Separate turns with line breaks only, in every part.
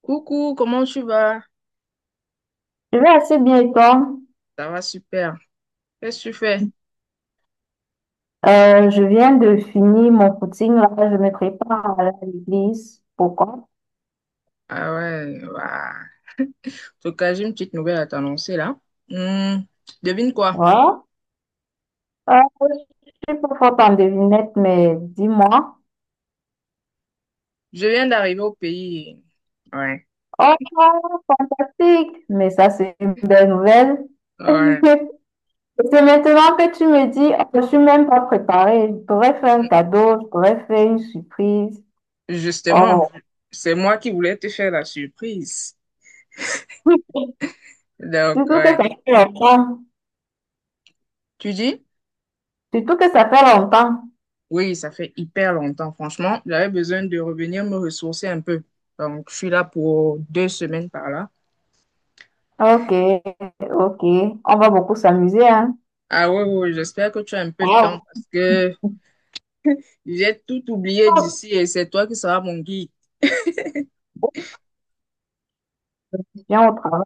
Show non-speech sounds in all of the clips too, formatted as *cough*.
Coucou, comment tu vas?
Je vais assez bien et toi?
Ça va super. Qu'est-ce que tu fais?
Je viens de finir mon footing là, je me prépare à aller à l'église. Pourquoi?
Ah ouais, bah, en tout cas, j'ai une petite nouvelle à t'annoncer là. Hmm, devine quoi?
Voilà. Euh, je suis pas forte en devinette, mais dis-moi.
Je viens d'arriver au pays. Ouais,
Oh, fantastique! Mais ça, c'est une belle nouvelle.
ouais.
*laughs* C'est maintenant que tu me dis, oh, je suis même pas préparée. Je pourrais faire
Hmm,
un cadeau, je pourrais faire une surprise.
Justement,
Oh,
c'est moi qui voulais te faire la surprise. Donc,
surtout que
ouais.
ça fait longtemps.
Tu dis?
Surtout que ça fait longtemps.
Oui, ça fait hyper longtemps, franchement. J'avais besoin de revenir me ressourcer un peu. Donc, je suis là pour 2 semaines par là.
Ok, ok. On va beaucoup s'amuser, hein.
Ah ouais, ouais, ouais, j'espère que tu as un peu de temps
Wow.
parce que j'ai tout oublié d'ici et c'est toi qui seras mon guide.
Je viens au travail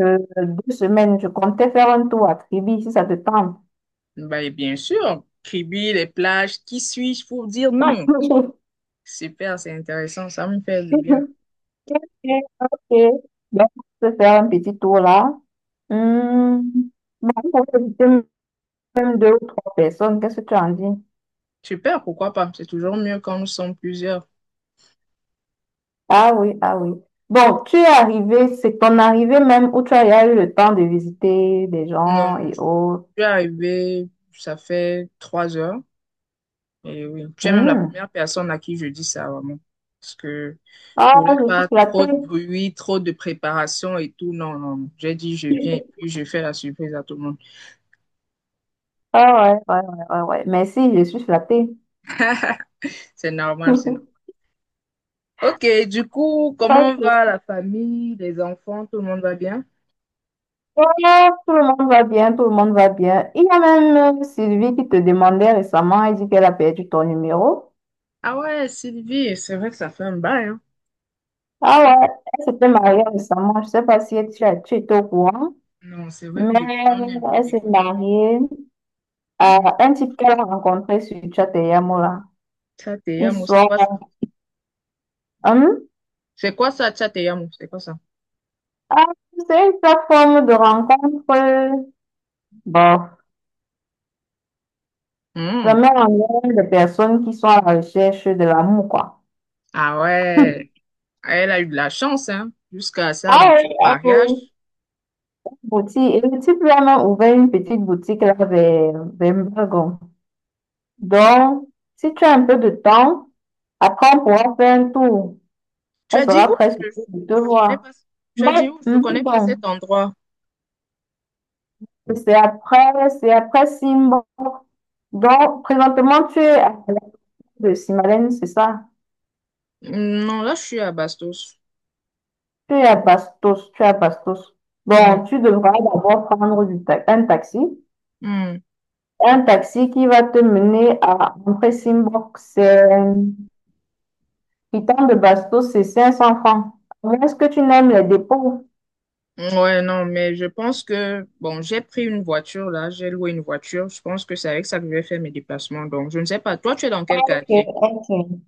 euh, 2 semaines. Je comptais faire un tour à Tribi, si ça te tente.
Bah, et bien sûr, Kribi, les plages, qui suis-je pour dire non?
*laughs*
Super, c'est intéressant, ça me fait du bien.
Ok, ok. Donc, on peut faire un petit tour là. Hmm. Bon, on peut inviter même deux ou trois personnes. Qu'est-ce que tu en dis?
Super, pourquoi pas? C'est toujours mieux quand nous sommes plusieurs.
Ah oui, ah oui. Bon, tu es arrivé, c'est ton arrivée même où tu as déjà eu le temps de visiter des
Non,
gens et
je
autres.
suis arrivée, ça fait 3 heures. Et oui, tu es même la
Hmm.
première personne à qui je dis ça, vraiment. Parce que je
Ah,
voulais
je
pas
suis
trop
flattée.
de bruit, trop de préparation et tout. Non, non, non. J'ai dit je viens et
*laughs*
puis je fais la surprise à tout le monde.
Ah ouais, ouais, ouais, ouais, ouais. Merci, je suis flattée.
C'est normal, c'est normal.
*laughs*
Ok, du coup, comment va
Ok.
la famille, les enfants, tout le monde va bien?
Ouais, tout le monde va bien, tout le monde va bien. Il y a même Sylvie qui te demandait récemment, elle dit qu'elle a perdu ton numéro.
Ah ouais, Sylvie, c'est vrai que ça fait un bail, hein.
Ah ouais, elle s'était mariée récemment. Je sais pas si tu étais au courant,
Non, c'est vrai que
mais
depuis, on est un peu
elle s'est
déconnecté.
mariée à
Hmm.
un type qu'elle a rencontré sur Chateyamura. Ils
Tchateyamo, c'est
sont.
quoi ça?
Hum?
C'est quoi ça, Tchateyamo? C'est quoi ça?
Ah, c'est une plateforme de rencontre. Bon.
Hmm.
Vraiment, on est de personnes qui sont à la recherche de l'amour, quoi.
Ah ouais,
*laughs*
elle a eu de la chance, hein, jusqu'à ça,
Ah
aboutir
oui,
au
ah
mariage.
oui. Boutique. Et le type lui a même ouvert une petite boutique là vers Mbagon. Donc, si tu as un peu de temps, après on pourra faire un tour.
Tu
Elle
as dit
sera
où?
très
Je,
surprise de te
je connais pas,
voir.
tu as
Bah,
dit où? Je connais pas
Mbagon.
cet endroit.
Et c'est après, c'est après Simba. Donc, présentement, tu es à la place de Simalène, c'est ça?
Hmm, non, là, je suis à Bastos.
Tu es à Bastos, tu es à Bastos. Bon,
Hmm.
tu devras d'abord prendre un taxi.
Hmm.
Un taxi qui va te mener à Simbok. C'est Piton de Bastos, c'est 500 francs. Est-ce que tu n'aimes les dépôts?
Ouais, non, mais je pense que, bon, j'ai pris une voiture là, j'ai loué une voiture. Je pense que c'est avec ça que je vais faire mes déplacements. Donc, je ne sais pas, toi, tu es dans quel
Ok,
quartier?
ok.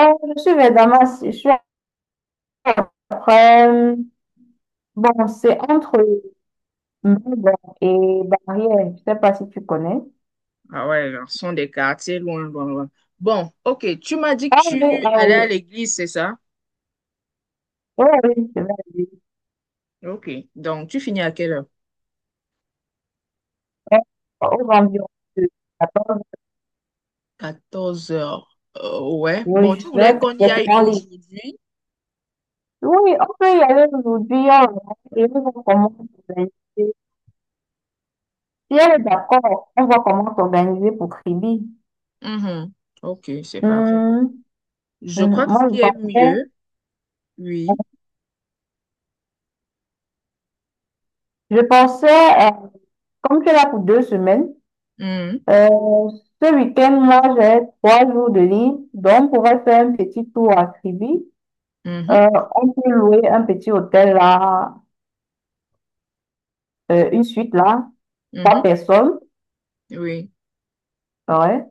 Je suis vers Damas. Je suis après. Bon, c'est entre Mbabane et Barrière. Je ne sais pas si tu connais.
Ah ouais, là, ce sont des quartiers loin, loin, loin. Bon, ok, tu m'as dit que
Ah oui,
tu
ah
allais à
oui.
l'église, c'est ça?
Oui, oui, je vais aller.
Ok, donc tu finis à quelle heure?
Euh, Aux environs de 14.
14 heures. Ouais,
Oui,
bon,
je
tu
suis là
voulais qu'on y aille
complètement libre.
aujourd'hui?
Oui, on peut y aller aujourd'hui, on va et on voit comment s'organiser. Si elle est d'accord, on voit comment s'organiser pour Kribi.
Mhm. Ok, c'est parfait. Bon.
Hum,
Je crois que ce
Moi, je
qui est
pensais,
mieux, oui.
je pensais, euh, comme tu es là pour 2 semaines,
Mhm.
euh, ce week-end, moi, j'ai 3 jours de libre, donc on pourrait faire un petit tour à Kribi.
Mhm.
Euh, on peut louer un petit hôtel là, une suite là, trois
Mhm.
personnes.
Oui,
Ouais.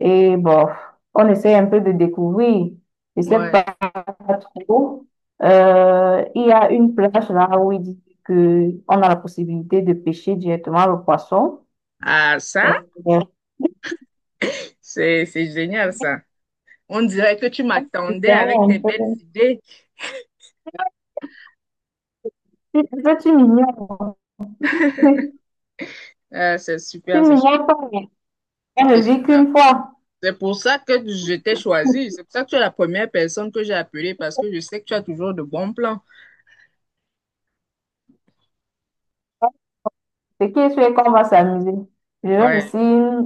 Et bon, on essaie un peu de découvrir. Je sais
ouais.
pas trop. Il y a une plage là où il dit que on a la possibilité de pêcher directement le poisson.
Ah, ça.
Euh,
C'est génial ça. On dirait que tu
Tu
m'attendais
sais,
avec
un
tes belles
peu-
idées.
tu sais, tu m'ignores. *laughs*
Ah, c'est
Tu
super, c'est super,
m'ignores pas. *laughs* On ne
c'est
vit
super.
qu'une fois.
C'est pour ça que je t'ai choisi. C'est pour ça que tu es la première personne que j'ai appelée parce que je sais que tu as toujours de bons plans.
Ce qui est sûr c'est qu'on va s'amuser. Je vais
Ouais.
aussi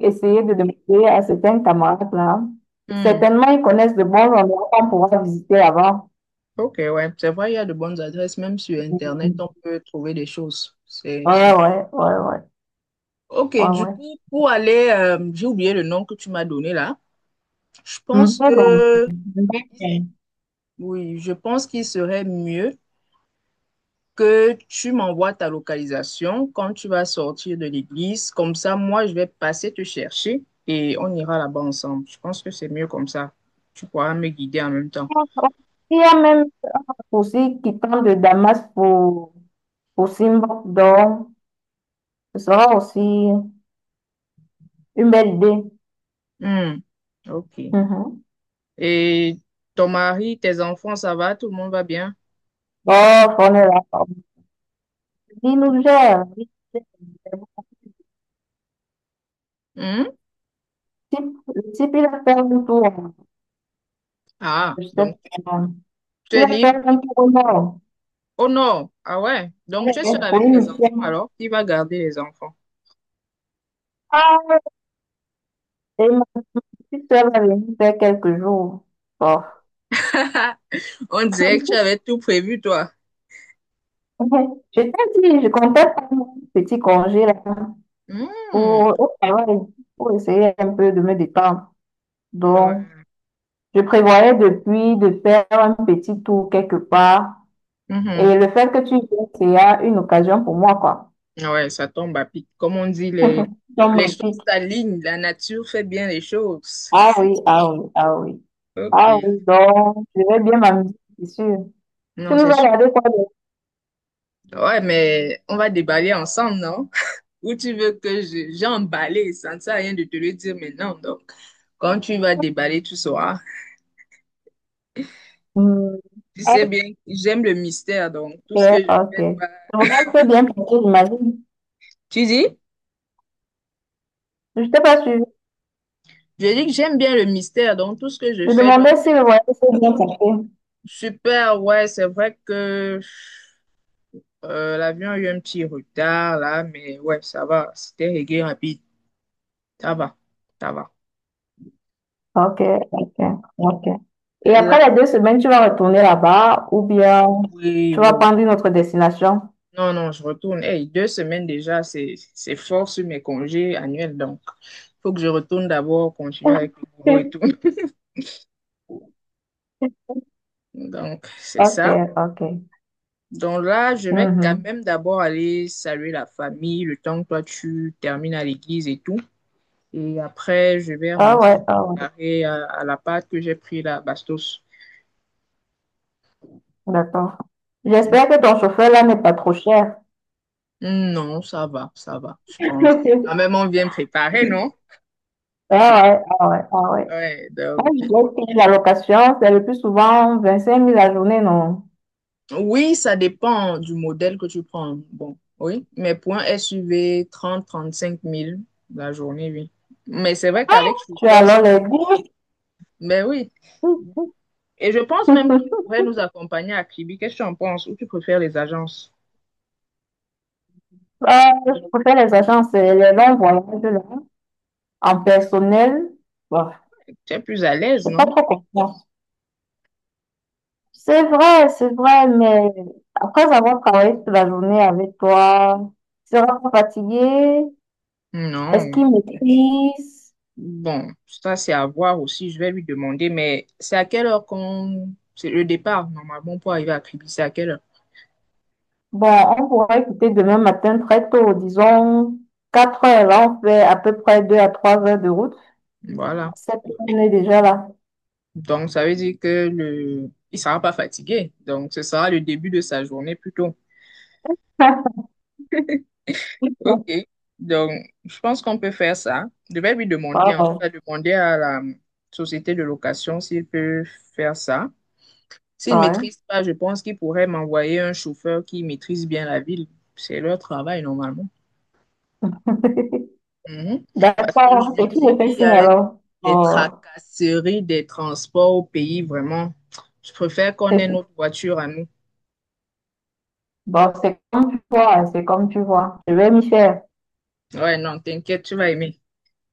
essayer de demander à certains camarades là.
Hmm.
Certainement, ils connaissent de bons endroits qu'on pourra visiter avant.
Ok, ouais. C'est vrai, il y a de bonnes adresses. Même sur Internet, on peut trouver des choses.
Ouais,
C'est...
ouais, ouais, ouais,
Ok,
ouais,
du
ouais.
coup, pour aller, j'ai oublié le nom que tu m'as donné là. Je pense
Mais bon,
que,
mais-
oui, je pense qu'il serait mieux. Que tu m'envoies ta localisation quand tu vas sortir de l'église. Comme ça, moi, je vais passer te chercher et on ira là-bas ensemble. Je pense que c'est mieux comme ça. Tu pourras me guider en même temps.
il y a même aussi qui tente de Damas pour Simba, donc ce sera aussi une belle idée.
Hmm, ok.
Mhm.
Et ton mari, tes enfants, ça va? Tout le monde va bien?
Bon, on est là. Il nous gère. Il nous gère.
Hmm?
Le type, il a fait un tour.
Ah,
Je sais
donc
pas.
tu
Il
es
a
libre.
fait un tour au nord.
Oh non, ah ouais. Donc
Ouais,
tu es
ouais,
seul
pour
avec
une
tes enfants
chaîne.
alors? Qui va garder les enfants?
Ah, et ma petite soeur va venir faire quelques jours. Bon.
*laughs* On dirait que tu
*laughs*
avais tout prévu, toi.
Ouais. Je t'ai dit, je comptais prendre mon petit congé là
Hmm,
pour, au travail, pour essayer un peu de me détendre. Donc,
ouais.
je prévoyais depuis de faire un petit tour quelque part.
Mhm.
Et le fait que tu viennes, c'est une occasion pour moi, quoi.
Ouais, ça tombe à pic. Comme on dit, les,
Donc,
les choses
magnifique.
s'alignent, la nature fait bien les choses.
Ah oui, ah oui, ah oui.
Ok,
Ah oui, donc, je vais bien m'amuser, c'est sûr. Tu
non,
nous
c'est
as
sûr.
regardé quoi de.
Ouais, mais on va déballer ensemble, non? *laughs* Ou tu veux que j'emballe, ça ne sert à rien de te le dire maintenant. Donc, quand tu vas déballer, tu sauras.
Hmm,
Tu sais bien, j'aime le mystère, donc tout
ok,
ce que je
ok.
fais doit...
Le voyage s'est bien passé, j'imagine.
Tu dis?
Je t'ai pas suivi.
Je dis que j'aime bien le mystère, donc tout ce que je
Je
fais doit être
demandais si le voyage s'est bien passé.
super. Ouais, c'est vrai que... L'avion a eu un petit retard là, mais ouais, ça va. C'était réglé rapide. Ça va, ça va.
Ok, ok, ok. Et après les
Là,
2 semaines, tu vas retourner là-bas ou bien
oui, oui,
tu vas prendre une
oui.
autre destination?
Non, non, je retourne. Hey, 2 semaines déjà, c'est fort sur mes congés annuels. Donc, faut que je retourne d'abord, continuer avec le boulot et tout.
*laughs*
*laughs* Donc, c'est
Ok,
ça.
ok.
Donc là, je vais quand
Mhm.
même d'abord aller saluer la famille, le temps que toi tu termines à l'église et tout. Et après, je vais
Ah
rentrer
ouais,
me
ah ouais.
préparer à la pâte que j'ai pris là, Bastos.
D'accord. J'espère que ton chauffeur là n'est pas trop cher.
Non, ça va, je pense. Quand
*laughs*
même, on vient préparer, non?
Ah ouais, ah ouais, ah ouais.
Ouais,
Moi,
donc,
je dirais que la location, c'est le plus souvent vingt cinq 000 la journée, non?
oui, ça dépend du modèle que tu prends. Bon, oui, mais pour un SUV, 30, 35 000 la journée, oui. Mais c'est vrai qu'avec
Tu as
chauffeur,
alors
ça.
les dix.
Mais oui. Et je pense même qu'ils
*laughs*
pourraient nous accompagner à Kribi. Qu'est-ce que tu en penses? Ou tu préfères les agences?
Ah, je préfère les agences, les longs voyages là, en personnel. Bon.
Tu es plus à l'aise, non?
C'est vrai, mais après avoir travaillé toute la journée avec toi, tu seras pas fatigué? Est-ce
Non.
qu'il maîtrise?
Bon, ça, c'est à voir aussi. Je vais lui demander, mais c'est à quelle heure qu'on. C'est le départ, normalement, pour arriver à Kribi. C'est à quelle heure?
Bon, on pourra écouter demain matin très tôt, disons 4 heures. Là, on fait à peu près 2 à 3 heures de route.
Voilà.
7 heures, on est déjà là.
Donc, ça veut dire que le... il sera pas fatigué. Donc, ce sera le début de sa journée plutôt. OK.
*laughs*
Donc, je pense qu'on peut faire ça. Je vais lui demander, en tout
Wow.
cas, demander à la société de location s'il peut faire ça. S'il ne
Ouais.
maîtrise pas, je pense qu'il pourrait m'envoyer un chauffeur qui maîtrise bien la ville. C'est leur travail, normalement.
*laughs*
Mhm. Parce que je
D'accord. Et
me
tu me fais
dis,
signe
avec
alors.
les
Oh.
tracasseries des transports au pays, vraiment, je préfère qu'on ait notre
*laughs*
voiture à nous.
Bon, c'est comme tu vois, c'est comme tu vois. Je vais m'y faire.
Ouais, non, t'inquiète, tu vas aimer.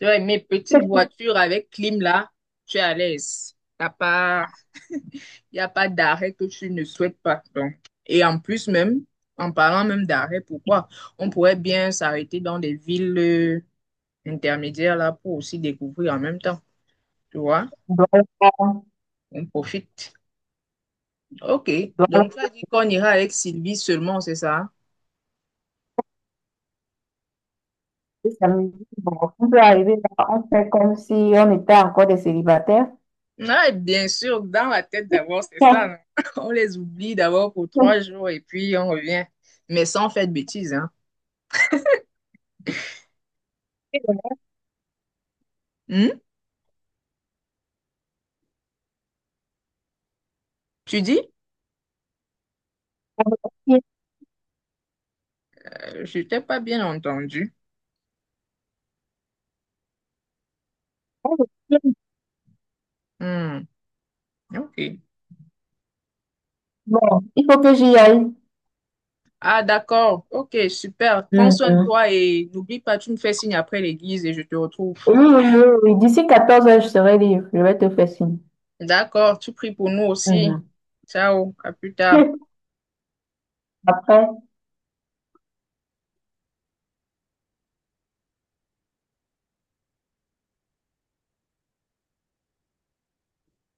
Tu vas aimer. Petite
*laughs*
voiture avec clim là, tu es à l'aise. T'as pas, il n'y a pas d'arrêt que tu ne souhaites pas. Donc. Et en plus même, en parlant même d'arrêt, pourquoi? On pourrait bien s'arrêter dans des villes intermédiaires là pour aussi découvrir en même temps. Tu vois?
Voilà.
On profite. OK.
Voilà.
Donc, tu as dit qu'on ira avec Sylvie seulement, c'est ça?
Et ça bon, on peut arriver là, on fait comme si on était encore des célibataires.
Ouais, bien sûr, dans la tête d'abord, c'est ça.
Bon,
Non? *laughs* On les oublie d'abord pour 3 jours et puis on revient. Mais sans faire de bêtises, hein. Hmm? Tu dis? Je t'ai pas bien entendu. Hmm, ok.
il faut *laughs* que j'y aille.
Ah, d'accord. Ok, super. Prends soin de
Mhm,
toi et n'oublie pas, tu me fais signe après l'église et je te retrouve.
oui, oui, oui, oui. D'ici 14 heures, je serai libre. Je vais te faire signe.
D'accord, tu pries pour nous aussi.
Mhm.
Ciao, à plus tard.
Après. *laughs*